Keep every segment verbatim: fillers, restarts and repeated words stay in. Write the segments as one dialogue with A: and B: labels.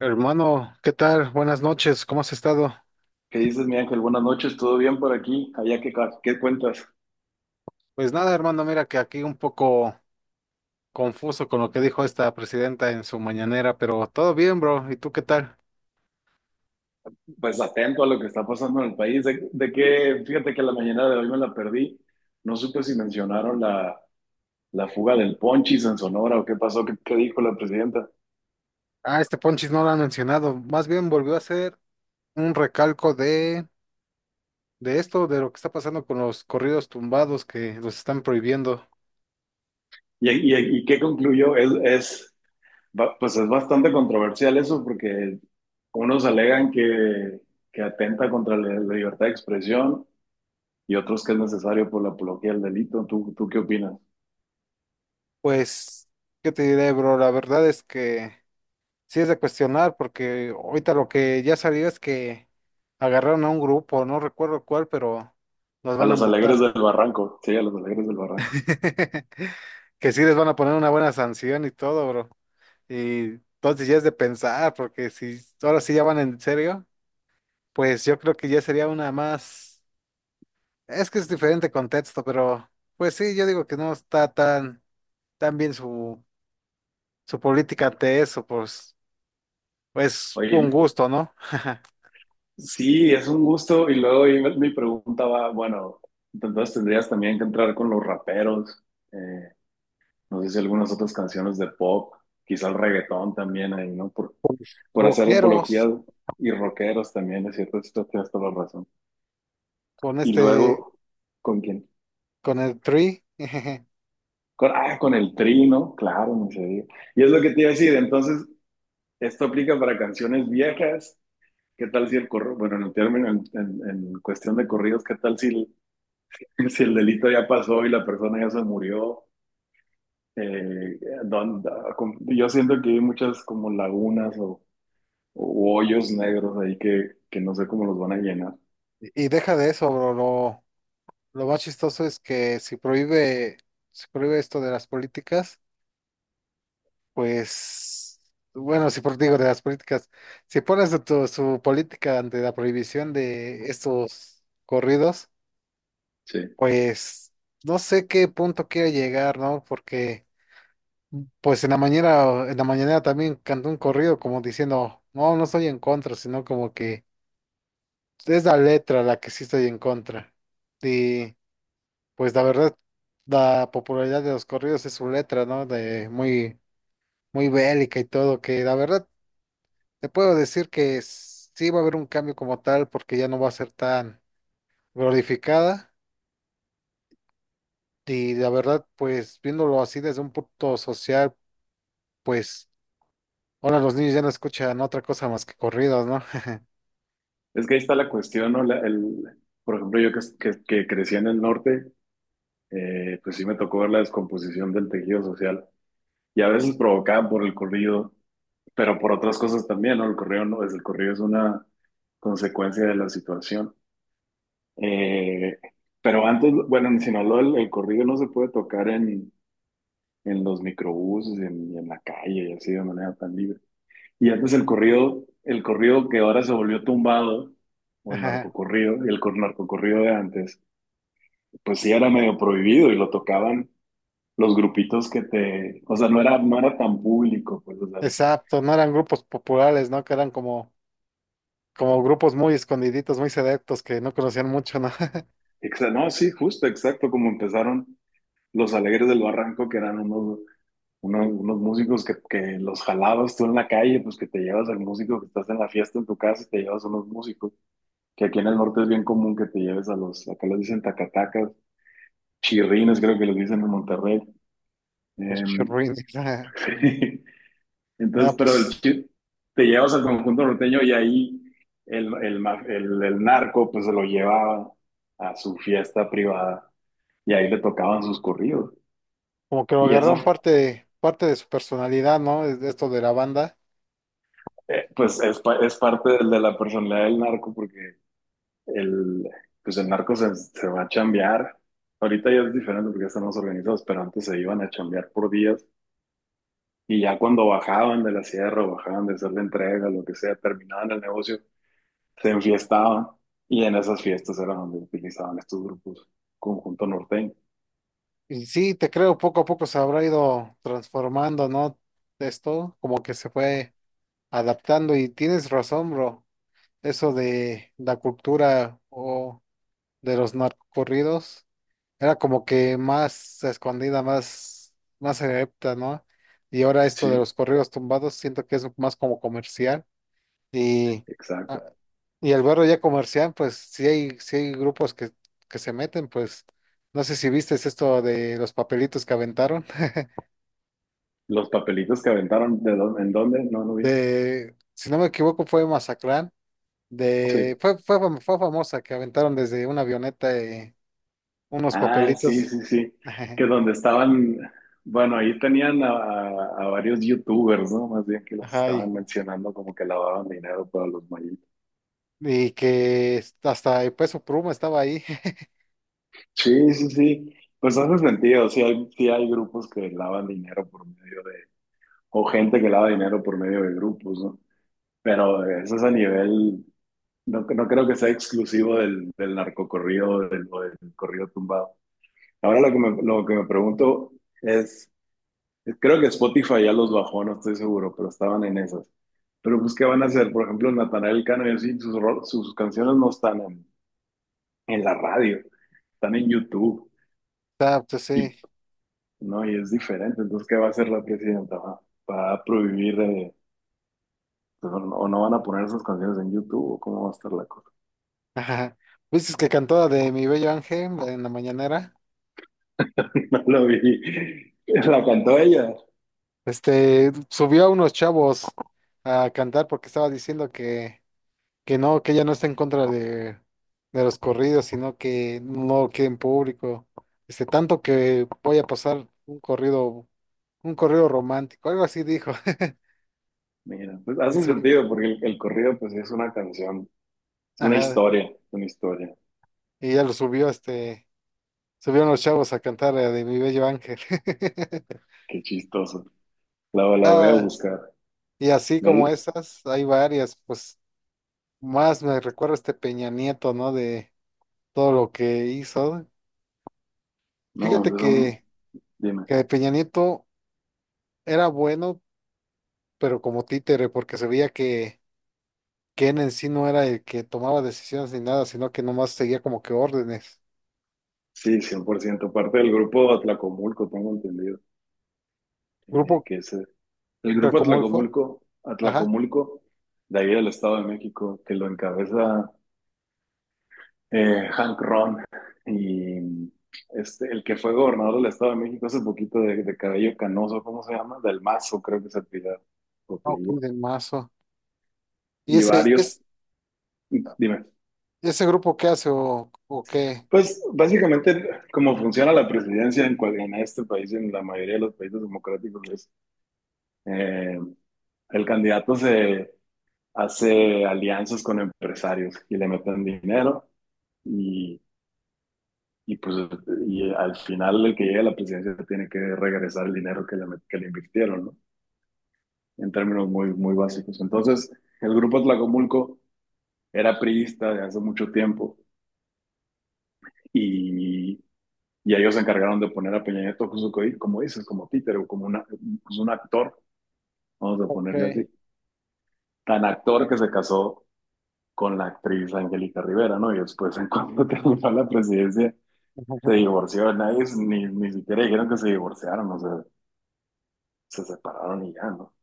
A: Hermano, ¿qué tal? Buenas noches, ¿cómo has estado?
B: ¿Qué dices, mi Ángel? Buenas noches, ¿todo bien por aquí? ¿Allá qué, ca- qué cuentas?
A: Pues nada, hermano, mira que aquí un poco confuso con lo que dijo esta presidenta en su mañanera, pero todo bien, bro. ¿Y tú qué tal?
B: Pues atento a lo que está pasando en el país. De, de que, fíjate que la mañana de hoy me la perdí. No supe si mencionaron la, la fuga del Ponchis en Sonora o qué pasó, qué, qué dijo la presidenta.
A: Ah, este Ponchis no lo han mencionado. Más bien volvió a hacer un recalco de, de esto, de lo que está pasando con los corridos tumbados que los están prohibiendo.
B: ¿Y, y, y qué concluyó? Es, es, ba- pues es bastante controversial eso porque unos alegan que, que atenta contra la, la libertad de expresión y otros que es necesario por la apología del delito. ¿Tú, tú qué opinas?
A: Pues, ¿qué te diré, bro? La verdad es que sí es de cuestionar, porque ahorita lo que ya salió es que agarraron a un grupo, no recuerdo cuál, pero los
B: A
A: van a
B: los Alegres del
A: multar.
B: Barranco, sí, a los Alegres del Barranco.
A: Que sí les van a poner una buena sanción y todo, bro. Y entonces ya es de pensar, porque si ahora sí ya van en serio, pues yo creo que ya sería una más. Es que es diferente contexto, pero pues sí, yo digo que no está tan, tan bien su, su política ante eso, pues. Pues un
B: Oye,
A: gusto, ¿no?
B: sí, es un gusto. Y luego ahí me- mi pregunta va, bueno, entonces tendrías también que entrar con los raperos, eh, no sé si algunas otras canciones de pop, quizá el reggaetón también ahí, ¿no? Por, por hacer apología
A: Rockeros
B: y rockeros también, es cierto, esto tienes toda la razón.
A: con
B: Y
A: este,
B: luego, ¿con quién?
A: con el Tree.
B: Con, ah, con el Tri, ¿no? Claro, no se diga. Y es lo que te iba a decir, entonces, esto aplica para canciones viejas. ¿Qué tal si el corro, bueno, en el término, en, en- en cuestión de corridos, qué tal si el, si el delito ya pasó y la persona ya se murió? Eh, don- da- com- yo siento que hay muchas como lagunas o, o hoyos negros ahí que, que no sé cómo los van a llenar.
A: Y deja de eso, bro. Lo, lo más chistoso es que si prohíbe, si prohíbe esto de las políticas, pues, bueno, si por digo de las políticas, si pones tu, tu- su política ante la prohibición de estos corridos,
B: Sí.
A: pues no sé qué punto quiere llegar, ¿no? Porque pues en la mañana, en la mañana también cantó un corrido como diciendo, no, no estoy en contra, sino como que es la letra la que sí estoy en contra. Y pues la verdad, la popularidad de los corridos es su letra, ¿no? De muy, muy bélica y todo, que la verdad te puedo decir que s- sí va a haber un cambio como tal porque ya no va a ser tan glorificada. Y la verdad, pues viéndolo así desde un punto social, pues ahora los niños ya no escuchan otra cosa más que corridos, ¿no?
B: Es que ahí está la cuestión, ¿no? La- el, por ejemplo, yo que, que, que crecí en el norte, eh, pues sí me tocó ver la descomposición del tejido social y a veces provocada por el corrido, pero por otras cosas también, ¿no? El correo no es, el correo es una consecuencia de la situación. Eh, pero antes, bueno, en Sinaloa el, el corrido no se puede tocar en, en los microbuses, en, en la calle y así de manera tan libre. Y antes el corrido, el corrido que ahora se volvió tumbado, o el narcocorrido, el cor- narcocorrido de antes, pues sí era medio prohibido y lo tocaban los grupitos que te, o sea, no era, no era tan público, pues, o sea,
A: Exacto, no eran grupos populares, ¿no? Que eran como, como grupos muy escondiditos, muy selectos, que no conocían mucho, ¿no?
B: exa- no, sí, justo, exacto, como empezaron los Alegres del Barranco, que eran unos, unos, unos músicos que, que los jalabas tú en la calle, pues que te llevas al músico que estás en la fiesta en tu casa y te llevas a unos músicos, que aquí en el norte es bien común que te lleves a los, acá les dicen tacatacas, chirrines creo que les dicen en Monterrey.
A: Los
B: Em,
A: churrines.
B: Entonces,
A: Nada,
B: pero el
A: pues,
B: chi- te llevas al conjunto norteño y ahí el, el, ma- el, el narco pues se lo llevaba a su fiesta privada y ahí le tocaban sus corridos.
A: como que lo
B: Y eso,
A: agarraron parte, parte de su personalidad, ¿no? Es- Esto de la banda.
B: Eh, pues es, pa- es parte del- de la personalidad del narco porque el, pues el narco se, se va a chambear. Ahorita ya es diferente porque ya están más organizados, pero antes se iban a chambear por días y ya cuando bajaban de la sierra o bajaban de hacer la entrega, lo que sea, terminaban el negocio, se enfiestaban y en esas fiestas era donde utilizaban estos grupos, conjunto norteño.
A: Y sí, te creo, poco a poco se habrá ido transformando, ¿no? Esto, como que se fue adaptando. Y tienes razón, bro. Eso de la cultura o de los narcocorridos. Era como que más escondida, más, más adepta, ¿no? Y ahora esto de
B: Sí,
A: los corridos tumbados, siento que es más como comercial. Y, ah,
B: exacto.
A: y el barrio ya comercial, pues sí hay, sí hay grupos que, que se meten, pues no sé si viste esto de los papelitos que aventaron.
B: Los papelitos que aventaron, ¿de dónde? ¿En dónde? No, no vi.
A: De, si no me equivoco, fue Mazatlán.
B: Sí.
A: De, fue, fue, fam- fue famosa que aventaron desde una avioneta eh, unos
B: Ah, sí,
A: papelitos.
B: sí, sí. Que donde estaban, bueno, ahí tenían a, a- a varios youtubers, ¿no? Más bien que los
A: Ajá,
B: estaban mencionando como que lavaban dinero para los mayitos.
A: y que hasta el Peso Pluma estaba ahí.
B: Sí, sí, sí. Pues hace sentido. Sí hay, sí hay grupos que lavan dinero por medio de, o gente que lava dinero por medio de grupos, ¿no? Pero eso es a nivel, no, no creo que sea exclusivo del, del narcocorrido o del, o del corrido tumbado. Ahora lo que me, lo que me pregunto es. Creo que Spotify ya los bajó, no estoy seguro, pero estaban en esas. Pero pues, ¿qué van a hacer? Por ejemplo, Natanael Cano y así, sus, ro- sus canciones no están en, en la radio, están en YouTube.
A: Está, pues sí.
B: Y, no, y es diferente. Entonces, ¿qué va a hacer la presidenta? ¿Va, va a prohibir, eh, pues, o no o no van a poner esas canciones en YouTube? ¿O cómo va a estar la cosa?
A: Ajá. Viste que cantó la de Mi Bello Ángel en la mañanera.
B: No lo vi. La cantó ella.
A: Este, subió a unos chavos a cantar porque estaba diciendo que, que no, que ella no está en contra de, de los corridos, sino que no quede en público. Este, tanto que voy a pasar un corrido, un corrido romántico, algo así dijo.
B: Mira, pues
A: Y
B: hace
A: subió,
B: sentido, porque el, el corrido, pues, es una canción, es una
A: ajá,
B: historia, una historia.
A: y ya lo subió este. Subieron los chavos a cantar la de Mi Bello Ángel.
B: Qué chistoso. La, la voy a
A: Ah,
B: buscar.
A: y así
B: No,
A: como esas, hay varias, pues más me recuerdo este Peña Nieto, ¿no? De todo lo que hizo.
B: no,
A: Fíjate
B: yo son,
A: que,
B: dime.
A: que Peña Nieto era bueno, pero como títere, porque se veía que, que él en sí no era el que tomaba decisiones ni nada, sino que nomás seguía como que órdenes.
B: Sí, cien por ciento. Parte del grupo Atlacomulco, tengo entendido, eh,
A: Grupo
B: que es el, el grupo
A: Cracomulfo,
B: Atlacomulco,
A: ajá,
B: Atlacomulco, de ahí del Estado de México, que lo encabeza, eh, Hank Ron. Y este, el que fue gobernador del Estado de México hace poquito, de, de cabello canoso, ¿cómo se llama? Del Mazo, creo que se apellida. O
A: ah ok,
B: apellida.
A: del Mazo. ¿Y
B: Y
A: ese,
B: varios.
A: es,
B: Dime.
A: ese grupo qué hace o, o qué?
B: Pues básicamente, como funciona la presidencia en, cual- en este país, en la mayoría de los países democráticos, Eh, el candidato se hace alianzas con empresarios y le meten dinero y, y pues y al final el que llegue a la presidencia tiene que regresar el dinero que le, met- que le invirtieron, ¿no? En términos muy, muy básicos. Entonces, el grupo Tlacomulco era priista de hace mucho tiempo y, y ellos se encargaron de poner a Peña Nieto, justo co- como dices, como títere o como una, pues un actor, vamos a ponerle
A: Ok.
B: así, tan actor que se casó con la actriz Angélica Rivera, ¿no? Y después, en cuanto terminó la presidencia, se divorció. Nadie, ni, ni siquiera dijeron que se divorciaron, o sea, se separaron y ya, ¿no?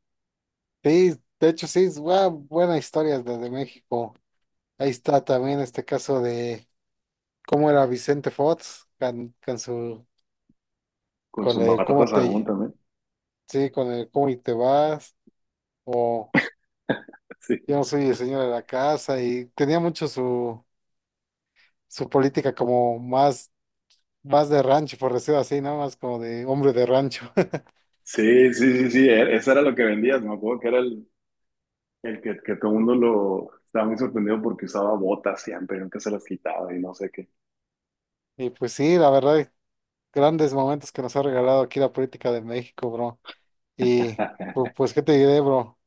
A: Sí, de hecho sí, es bua- buena historia desde México. Ahí está también este caso de cómo era Vicente Fox con, con su
B: Con
A: con
B: su
A: el
B: Marta
A: cómo
B: Sagún
A: te
B: también.
A: sí, con el cómo y te vas o yo
B: Sí,
A: no soy el señor de la casa y tenía mucho su su política como más más de rancho, por decirlo así, ¿no? Más como de hombre de rancho.
B: sí, sí, sí, sí, e- eso era lo que vendías, me acuerdo que era el, el que, que todo el mundo lo estaba muy sorprendido porque usaba botas siempre, nunca se las quitaba y no sé qué.
A: Y pues sí, la verdad, grandes momentos que nos ha regalado aquí la política de México, bro. Y pu- pues, ¿qué te diré, bro?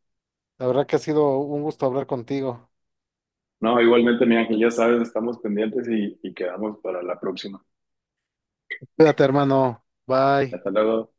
A: La verdad que ha sido un gusto hablar contigo.
B: No, igualmente, mi Ángel, ya sabes, estamos pendientes y, y quedamos para la próxima.
A: Cuídate, hermano. Bye.
B: Hasta luego.